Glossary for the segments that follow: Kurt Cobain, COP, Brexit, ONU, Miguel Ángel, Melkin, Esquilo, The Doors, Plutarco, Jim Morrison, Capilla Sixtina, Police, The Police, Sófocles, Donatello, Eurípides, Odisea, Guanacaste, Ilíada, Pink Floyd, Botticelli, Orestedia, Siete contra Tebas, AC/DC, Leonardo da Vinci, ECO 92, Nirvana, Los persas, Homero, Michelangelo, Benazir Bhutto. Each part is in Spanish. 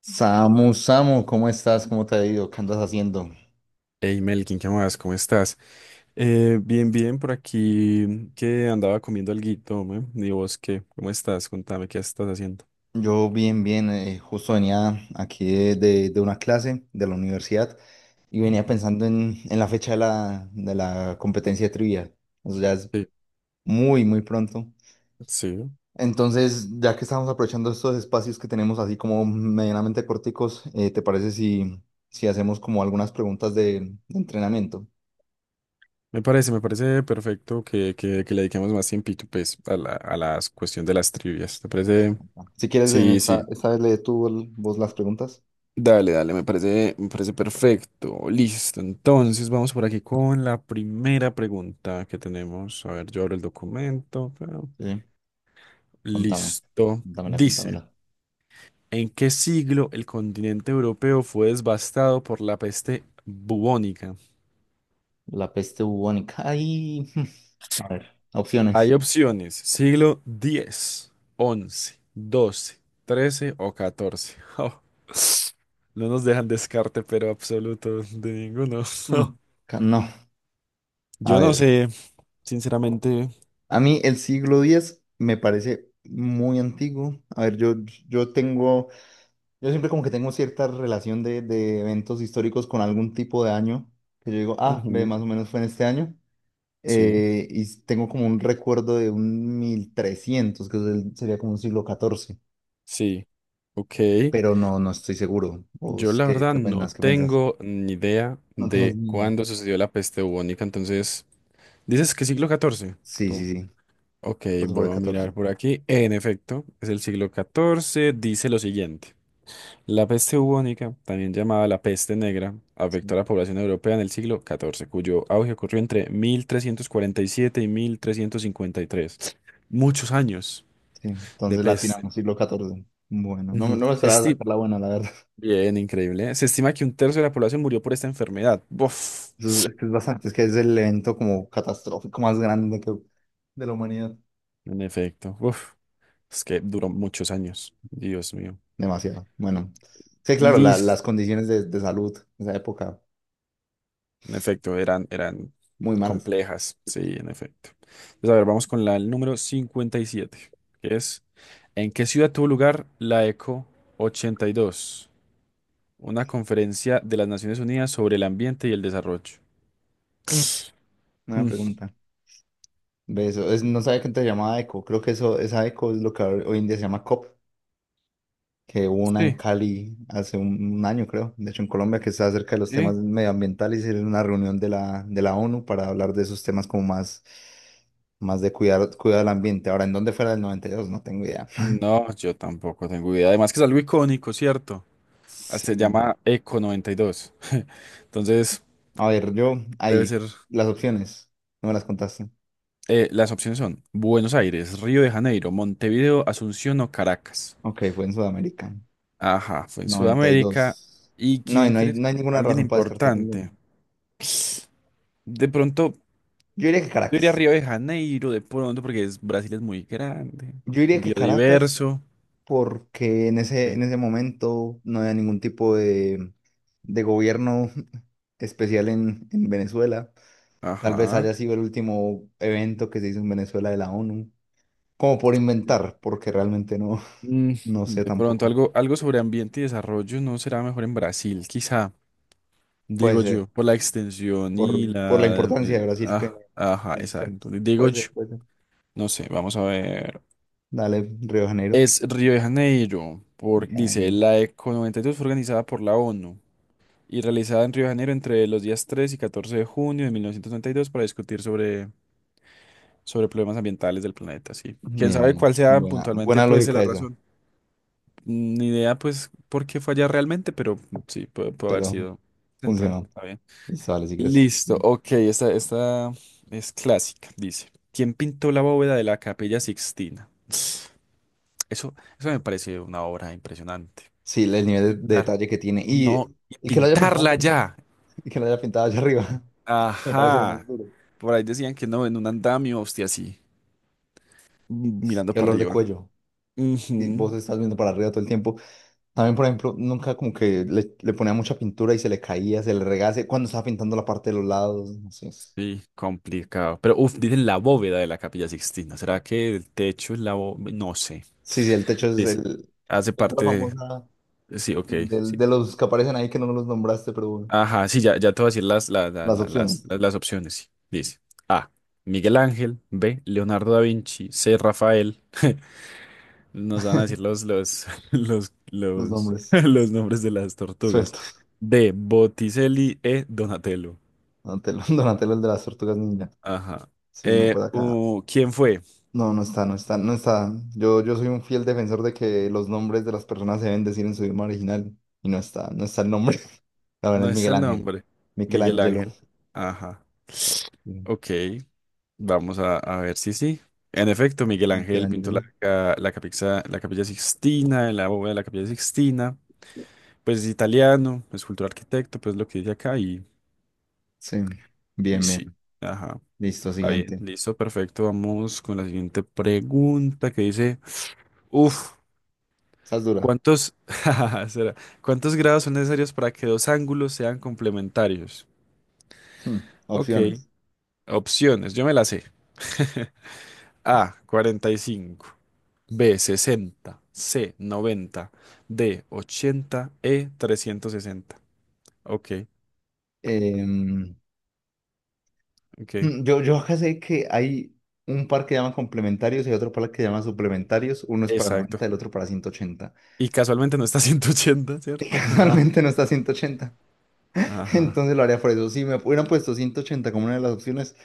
Samu, Samu, ¿cómo estás? ¿Cómo te ha ido? ¿Qué andas haciendo? Hey Melkin, ¿qué más? ¿Cómo estás? Bien, bien, por aquí que andaba comiendo alguito, ¿me? ¿Y vos qué? ¿Cómo estás? Contame, ¿qué estás haciendo? Yo bien, bien, justo venía aquí de una clase de la universidad y venía Ujú. pensando en la fecha de la competencia de trivia. O sea, ya es Sí, muy, muy pronto. sí. Entonces, ya que estamos aprovechando estos espacios que tenemos así como medianamente corticos, ¿te parece si hacemos como algunas preguntas de entrenamiento? Me parece perfecto que le dediquemos más tiempito, pues, a la cuestión de las trivias. ¿Te Eh, parece? Si quieres, en Sí, esta, sí. esta vez lee tú vos las preguntas. Dale, dale, me parece perfecto. Listo. Entonces, vamos por aquí con la primera pregunta que tenemos. A ver, yo abro el documento. Sí. Contame, Listo. contámela, Dice. contámela. ¿En qué siglo el continente europeo fue devastado por la peste bubónica? La peste bubónica. Ay, a ver, Hay opciones. opciones, siglo diez, once, doce, trece o catorce. No nos dejan descarte, pero absoluto de ninguno. Mm. No, a Yo no ver. sé, sinceramente. A mí el siglo diez me parece muy antiguo. A ver, yo tengo, yo siempre como que tengo cierta relación de eventos históricos con algún tipo de año, que yo digo, ah, ve, Ujú. más o menos fue en este año. Sí, Y tengo como un recuerdo de un 1300, que es sería como un siglo catorce, sí. Ok. pero no estoy seguro. Yo ¿Vos la qué, verdad qué no pensás? ¿Qué pensás? tengo ni idea No tenés de ni idea. cuándo sucedió la peste bubónica, entonces, ¿dices que siglo catorce, Sí, tú? sí, sí. Ok, Pues por el voy a mirar catorce. por aquí. En efecto, es el siglo XIV. Dice lo siguiente. La peste bubónica, también llamada la peste negra, afectó Sí, a la población europea en el siglo XIV, cuyo auge ocurrió entre 1347 y 1353. Muchos años sí. de Entonces peste. latinamos, siglo catorce. Bueno, no, me Ujú. no me Se esperaba estima, sacar la buena, la verdad. bien, increíble, ¿eh? Se estima que un tercio de la población murió por esta enfermedad. Buf. Eso es que es bastante, es que es el evento como catastrófico más grande que, de la humanidad. En efecto, uf. Es que duró muchos años. Dios mío. Demasiado. Bueno, sí, claro, Listo. las condiciones de salud en esa época, En efecto, eran muy malas. complejas, sí, en efecto. Entonces, a ver, vamos con la el número 57, que es, ¿en qué ciudad tuvo lugar la ECO 82, una conferencia de las Naciones Unidas sobre el ambiente y el desarrollo? Mm, Una Mm, pregunta. Ve eso, es, no sabía que antes se llamaba eco. Creo que eso, esa eco es lo que hoy en día se llama COP, que hubo una en Sí, Cali hace un año, creo, de hecho en Colombia, que está acerca de los temas sí. medioambientales y era una reunión de la ONU para hablar de esos temas como más, más de cuidar, cuidar el ambiente. Ahora, ¿en dónde fuera el 92? No tengo idea. No, yo tampoco tengo idea. Además que es algo icónico, ¿cierto? Hasta se Sí. llama ECO 92. Entonces, A ver, yo debe ahí, ser. las opciones, no me las contaste. Las opciones son Buenos Aires, Río de Janeiro, Montevideo, Asunción o Caracas. Ok, fue en Sudamérica, Ajá, fue en noventa y Sudamérica. dos ¿Y No, y quién no hay, crees? no hay ninguna Alguien razón para descartar ninguno. importante. De pronto, Yo diría que yo iría a Caracas. Río de Janeiro, de pronto, porque Brasil es muy grande, Yo diría que Caracas biodiverso. porque en ese, Ok. en ese momento no había ningún tipo de gobierno especial en Venezuela. Tal vez Ajá. haya sido el último evento que se hizo en Venezuela de la ONU, como por inventar, porque realmente no, Mm, no sé de pronto, tampoco. algo, algo sobre ambiente y desarrollo no será mejor en Brasil, quizá, Puede digo ser, yo, por la extensión y por la importancia de Brasil que, ah, ajá, en esos temas. exacto. Digo Puede yo, ser, puede ser. no sé, vamos a ver. Dale, Río de Janeiro. Es Río de Janeiro, dice, Bien, la ECO 92 fue organizada por la ONU y realizada en Río de Janeiro entre los días 3 y 14 de junio de 1992 para discutir sobre, problemas ambientales del planeta, sí. Quién bien, sabe bien. cuál sea Buena, puntualmente, buena pues, lógica la esa, razón. Ni idea, pues, por qué fue allá realmente, pero sí, puede haber pero sido central. funcionó. Está bien. Listo, vale, si quieres. Listo, ok, esta es clásica, dice. ¿Quién pintó la bóveda de la Capilla Sixtina? Eso me parece una obra impresionante. Sí, el nivel de Pintar. detalle que tiene. No, Y, y y que lo haya pintado pintarla allá arriba. ya. Y que lo haya pintado allá arriba. Me parece lo más Ajá. duro. Por ahí decían que no, en un andamio, hostia, así, mirando Qué para olor de arriba. cuello. Y Ujú. vos estás viendo para arriba todo el tiempo. También, por ejemplo, nunca como que le ponía mucha pintura y se le caía, se le regase cuando estaba pintando la parte de los lados. No sé. Sí, Sí, complicado. Pero, uff, dicen la bóveda de la Capilla Sixtina. ¿Será que el techo es la bóveda? No sé. sí, el techo es Dice, el. hace Pintura parte famosa de. Sí, ok, y sí. Los que aparecen ahí que no los nombraste, pero bueno, Ajá, sí, ya, ya te voy a decir las, las, las, las las, opciones, las- las opciones. Sí. Dice, A. Miguel Ángel. B. Leonardo da Vinci. C. Rafael. Nos van a decir los nombres los nombres de las tortugas. sueltos. D. Botticelli. E. Donatello. Donatello, Donatello el de las tortugas ninja. Ajá. Sí, no, Eh, pues acá. uh, ¿quién fue? No, no está, no está, no está. Yo soy un fiel defensor de que los nombres de las personas se deben decir en su idioma original y no está, no está el nombre. La verdad No es está Miguel el Ángel. nombre. Miguel Michelangelo. Ángel. Ajá. Sí, Ok. Vamos a ver si sí. En efecto, Miguel Ángel pintó la, Michelangelo. ca- la, capilla, la Capilla Sixtina, la bóveda de la Capilla Sixtina. Pues es italiano, escultor arquitecto, pues lo que dice acá y, Sí. y Bien, sí. bien. Ajá. Listo, Está bien, siguiente. listo, perfecto. Vamos con la siguiente pregunta que dice, uf, Esa es dura. Jajaja, será, ¿cuántos grados son necesarios para que dos ángulos sean complementarios? Hmm, Ok, Opciones. opciones, yo me la sé. A, 45, B, 60, C, 90, D, 80, E, 360. Ok, Em, ok, yo acá sé que hay un par que llaman complementarios y hay otro par que llaman suplementarios. Uno es para 90, exacto. el otro para 180. Y casualmente no está 180, ¿cierto? Casualmente no está 180. Ajá. Entonces lo haría por eso. Si me hubieran puesto 180 como una de las opciones,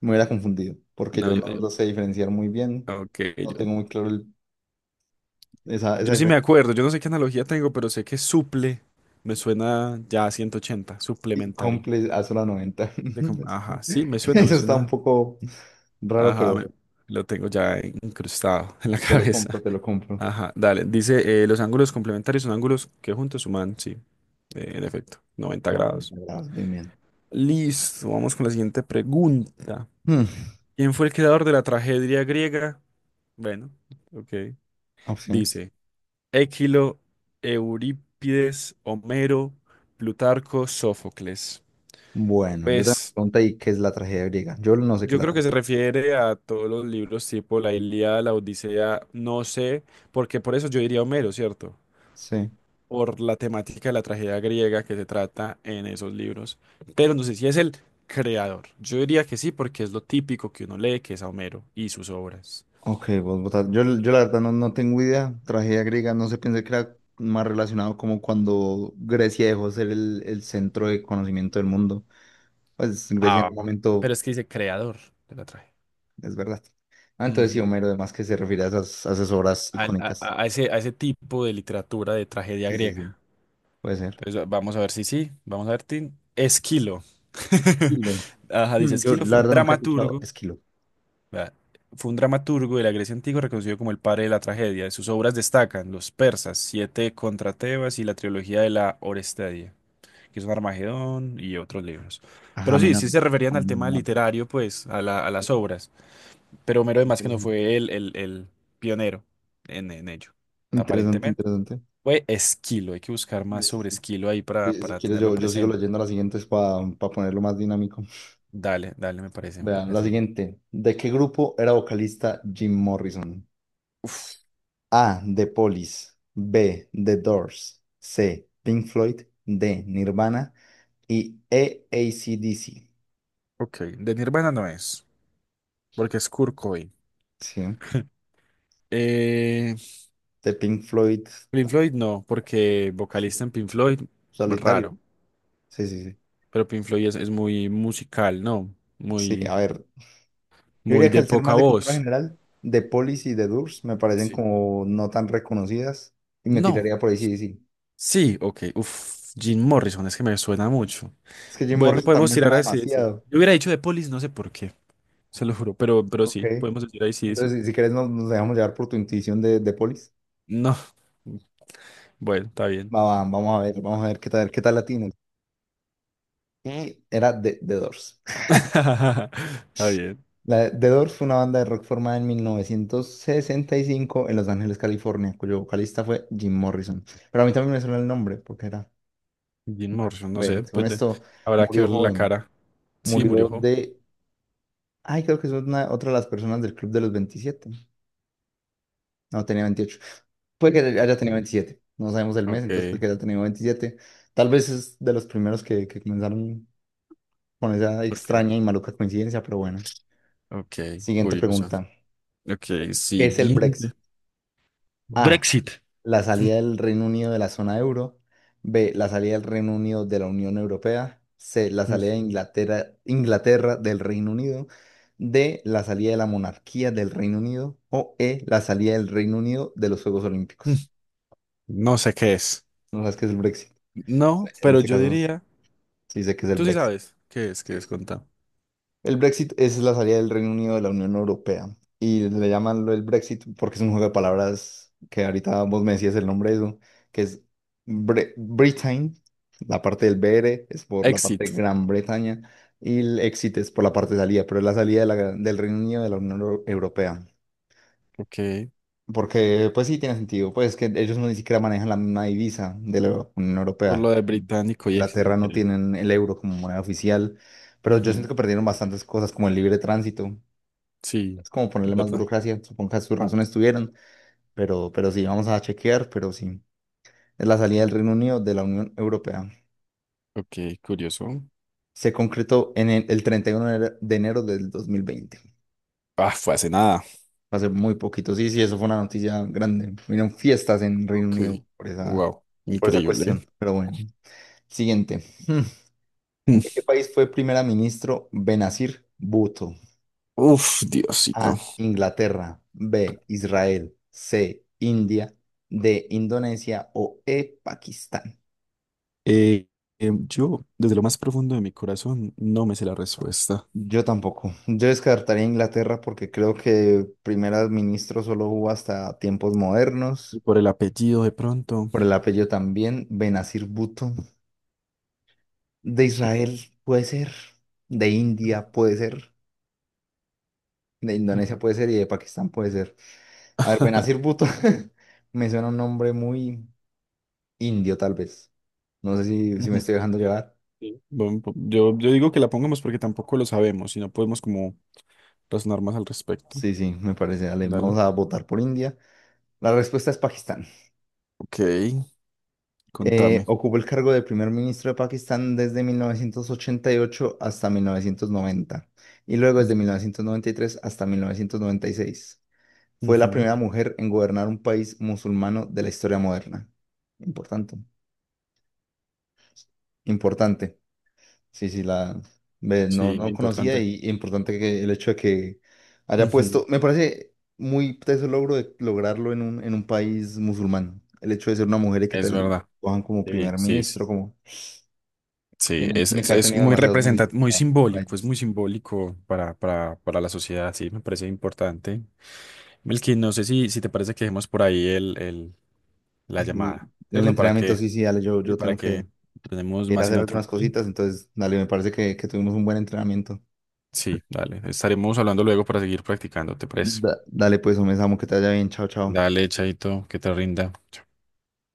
me hubiera confundido, porque No, yo no lo sé diferenciar muy bien. ok, No yo, tengo muy claro esa, esa Yo sí me diferencia. acuerdo, yo no sé qué analogía tengo, pero sé que suple me suena ya a 180, Y suplementario. comple a solo 90. De com- Eso, Ajá, sí, me suena, me eso está un suena. poco raro, Ajá, pero lo tengo ya incrustado en la te lo compro, cabeza. te lo compro. Ajá, dale. Dice, los ángulos complementarios son ángulos que juntos suman, sí, en efecto, 90 No, grados. bravo, bien, bien. Listo, vamos con la siguiente pregunta. Hmm, ¿Quién fue el creador de la tragedia griega? Bueno, ok. Opciones. Dice, Équilo, Eurípides, Homero, Plutarco, Sófocles. Bueno, yo tengo una Pues pregunta y ¿qué es la tragedia griega? Yo no sé qué es yo la creo que tragedia. se refiere a todos los libros tipo la Ilíada, la Odisea, no sé, porque por eso yo diría Homero, ¿cierto? Sí. Por la temática de la tragedia griega que se trata en esos libros. Pero no sé si es el creador. Yo diría que sí, porque es lo típico que uno lee, que es a Homero y sus obras. Ok, vos votas. Yo la verdad no tengo idea. Tragedia griega, no sé, pensé que era más relacionado como cuando Grecia dejó de ser el centro de conocimiento del mundo. Pues Grecia en Ah, un momento, pero es que dice creador de la tragedia. es verdad. Ah, entonces sí, Ujú. Homero, además que se refiere a esas, obras al- a, icónicas. a ese, a ese tipo de literatura de tragedia Sí, sí, sí. griega. Puede ser. Entonces, vamos a ver si sí, vamos a ver, Tin. Esquilo. Esquilo. Ajá, dice Yo Esquilo la fue un verdad nunca he escuchado dramaturgo, Esquilo. vea, fue un dramaturgo de la Grecia antigua reconocido como el padre de la tragedia. De sus obras destacan Los persas, Siete contra Tebas y la trilogía de la Orestedia, que son Armagedón y otros libros. Ajá, Pero sí, menos. sí se referían al tema literario, pues, a las obras. Pero Homero, además, que no Interesante, fue el pionero en ello, interesante. aparentemente. Interesante. Fue Esquilo, hay que buscar más Sí, sí, sobre sí. Esquilo ahí para, Si para quieres, tenerlo yo sigo presente. leyendo las siguientes para ponerlo más dinámico. Dale, dale, me parece, me Vean, la parece bien. siguiente. ¿De qué grupo era vocalista Jim Morrison? A. The Police. B. The Doors. C. Pink Floyd. D. Nirvana. Y E. AC/DC. Ok, de Nirvana no es, porque es Kurt Cobain. Sí. Eh, De Pink Floyd. Pink ta- Floyd no, porque es un vocalista en Pink Floyd, solitario, raro, ¿no? Sí, sí, sí. pero Pink Floyd es muy musical, ¿no? Sí, Muy, a ver. Yo diría muy que de al ser poca más de cultura voz. general, The Police y The Doors me parecen Sí. como no tan reconocidas y me No, tiraría por AC/DC. sí, ok, uf, Jim Morrison, es que me suena mucho. Es que Jim Bueno, Morrison podemos también tirar suena así, sí. demasiado. Yo hubiera dicho de Police, no sé por qué, se lo juro, pero Ok. sí, podemos decir ahí sí, sí. Entonces, si quieres, nos dejamos llevar por tu intuición de Polis. No. Bueno, está bien. Vamos a ver, vamos a ver qué tal latinos. Y era de The Doors. Está bien. The Doors fue una banda de rock formada en 1965 en Los Ángeles, California, cuyo vocalista fue Jim Morrison. Pero a mí también me suena el nombre, porque era, Jim Morrison, no ve, sé, según pues esto, habrá que murió verle la joven. cara. Sí, murió Murió jo. de, ay, creo que es una, otra de las personas del Club de los 27. No, tenía 28. Puede que haya tenido 27. No sabemos el mes, Ok, entonces puede que haya tenido veintisiete. Tal vez es de los primeros que comenzaron con esa ok, extraña y maluca coincidencia, pero bueno. ok, Siguiente curioso. pregunta. Ok, ¿Qué es el Brexit? siguiente. A. Brexit. La salida del Reino Unido de la zona euro. B. La salida del Reino Unido de la Unión Europea. C. La Mm, mm. salida de Inglaterra del Reino Unido. D. La salida de la monarquía del Reino Unido. O E. La salida del Reino Unido de los Juegos Mm. Olímpicos. No sé qué es. No sabes qué es el Brexit. No, En pero este yo caso. diría, Sí, sé que es el tú sí Brexit. sabes qué Sí, es, sí. contá. El Brexit es la salida del Reino Unido de la Unión Europea. Y le llaman lo el Brexit porque es un juego de palabras que ahorita vos me decías el nombre de eso, que es Britain, la parte del BR es por la parte de Exit. Gran Bretaña y el exit es por la parte de salida, pero es la salida de del Reino Unido de la Unión Europea. Ok, Porque, pues sí, tiene sentido. Pues es que ellos no ni siquiera manejan la misma divisa de la Unión por Europea. lo de británico y exit, Inglaterra no increíble. tienen el euro como moneda oficial, pero yo siento Ujú. que perdieron bastantes cosas como el libre tránsito. Sí, Es como ponerle más ¿verdad? burocracia, supongo que sus razones tuvieron, pero sí, vamos a chequear, pero sí. Es la salida del Reino Unido de la Unión Europea. Ok, curioso. Se concretó en el 31 de enero del 2020. Ah, fue hace nada. Va a ser muy poquito. Sí, sí, eso fue una noticia grande. Hubieron fiestas en Reino Unido Ok, por esa, wow, por esa cuestión, increíble. pero bueno. Siguiente. Hmm. ¿De qué país fue primer ministro Benazir Bhutto? Uf, Diosito. A. Inglaterra. B. Israel. C. India. D. Indonesia. O E. Pakistán. Eh, yo, desde lo más profundo de mi corazón, no me sé la respuesta. Yo tampoco. Yo descartaría Inglaterra porque creo que primer ministro solo hubo hasta tiempos modernos. Y por el apellido, de pronto. Por el apellido también. Benazir Bhutto. De Israel puede ser. De India puede ser. De Indonesia puede ser y de Pakistán puede ser. A ver, Benazir Bhutto, me suena un nombre muy indio, tal vez. No sé si me Ujú. estoy dejando llevar. Sí. Bueno, yo digo que la pongamos porque tampoco lo sabemos y no podemos como razonar más al respecto. Sí, sí, me parece. Dale, Dale. vamos a votar por India. La respuesta es Pakistán. Ok, contame. Ocupó el cargo de primer ministro de Pakistán desde 1988 hasta 1990 y luego desde mil Ujú. novecientos noventa y tres hasta 1996. Fue la Ujú. primera mujer en gobernar un país musulmano de la historia moderna. Importante. Importante. Sí, sí, la ve, no, Sí, no conocía importante. y importante que el hecho de que haya Ujú. puesto, me parece muy teso el logro de lograrlo en un país musulmán. El hecho de ser una mujer y que te Es verdad. cojan como Sí, primer sí, sí. ministro, como Sí, tiene, es, tiene que es, haber es tenido muy demasiados méritos representativo, muy para simbólico, ello. es muy simbólico para la sociedad, sí, me parece importante. Melqui, no sé si te parece que dejemos por ahí la Y llamada, el ¿cierto? Para entrenamiento, que, sí, sí, dale, yo, y yo para tengo que que tenemos ir a más en hacer otro algunas cositas, momento. entonces, dale, me parece que tuvimos un buen entrenamiento. Sí, dale. Estaremos hablando luego para seguir practicando, ¿te parece? Dale, pues, un amo, que te vaya bien, chao, chao. Dale, Chaito, que te rinda.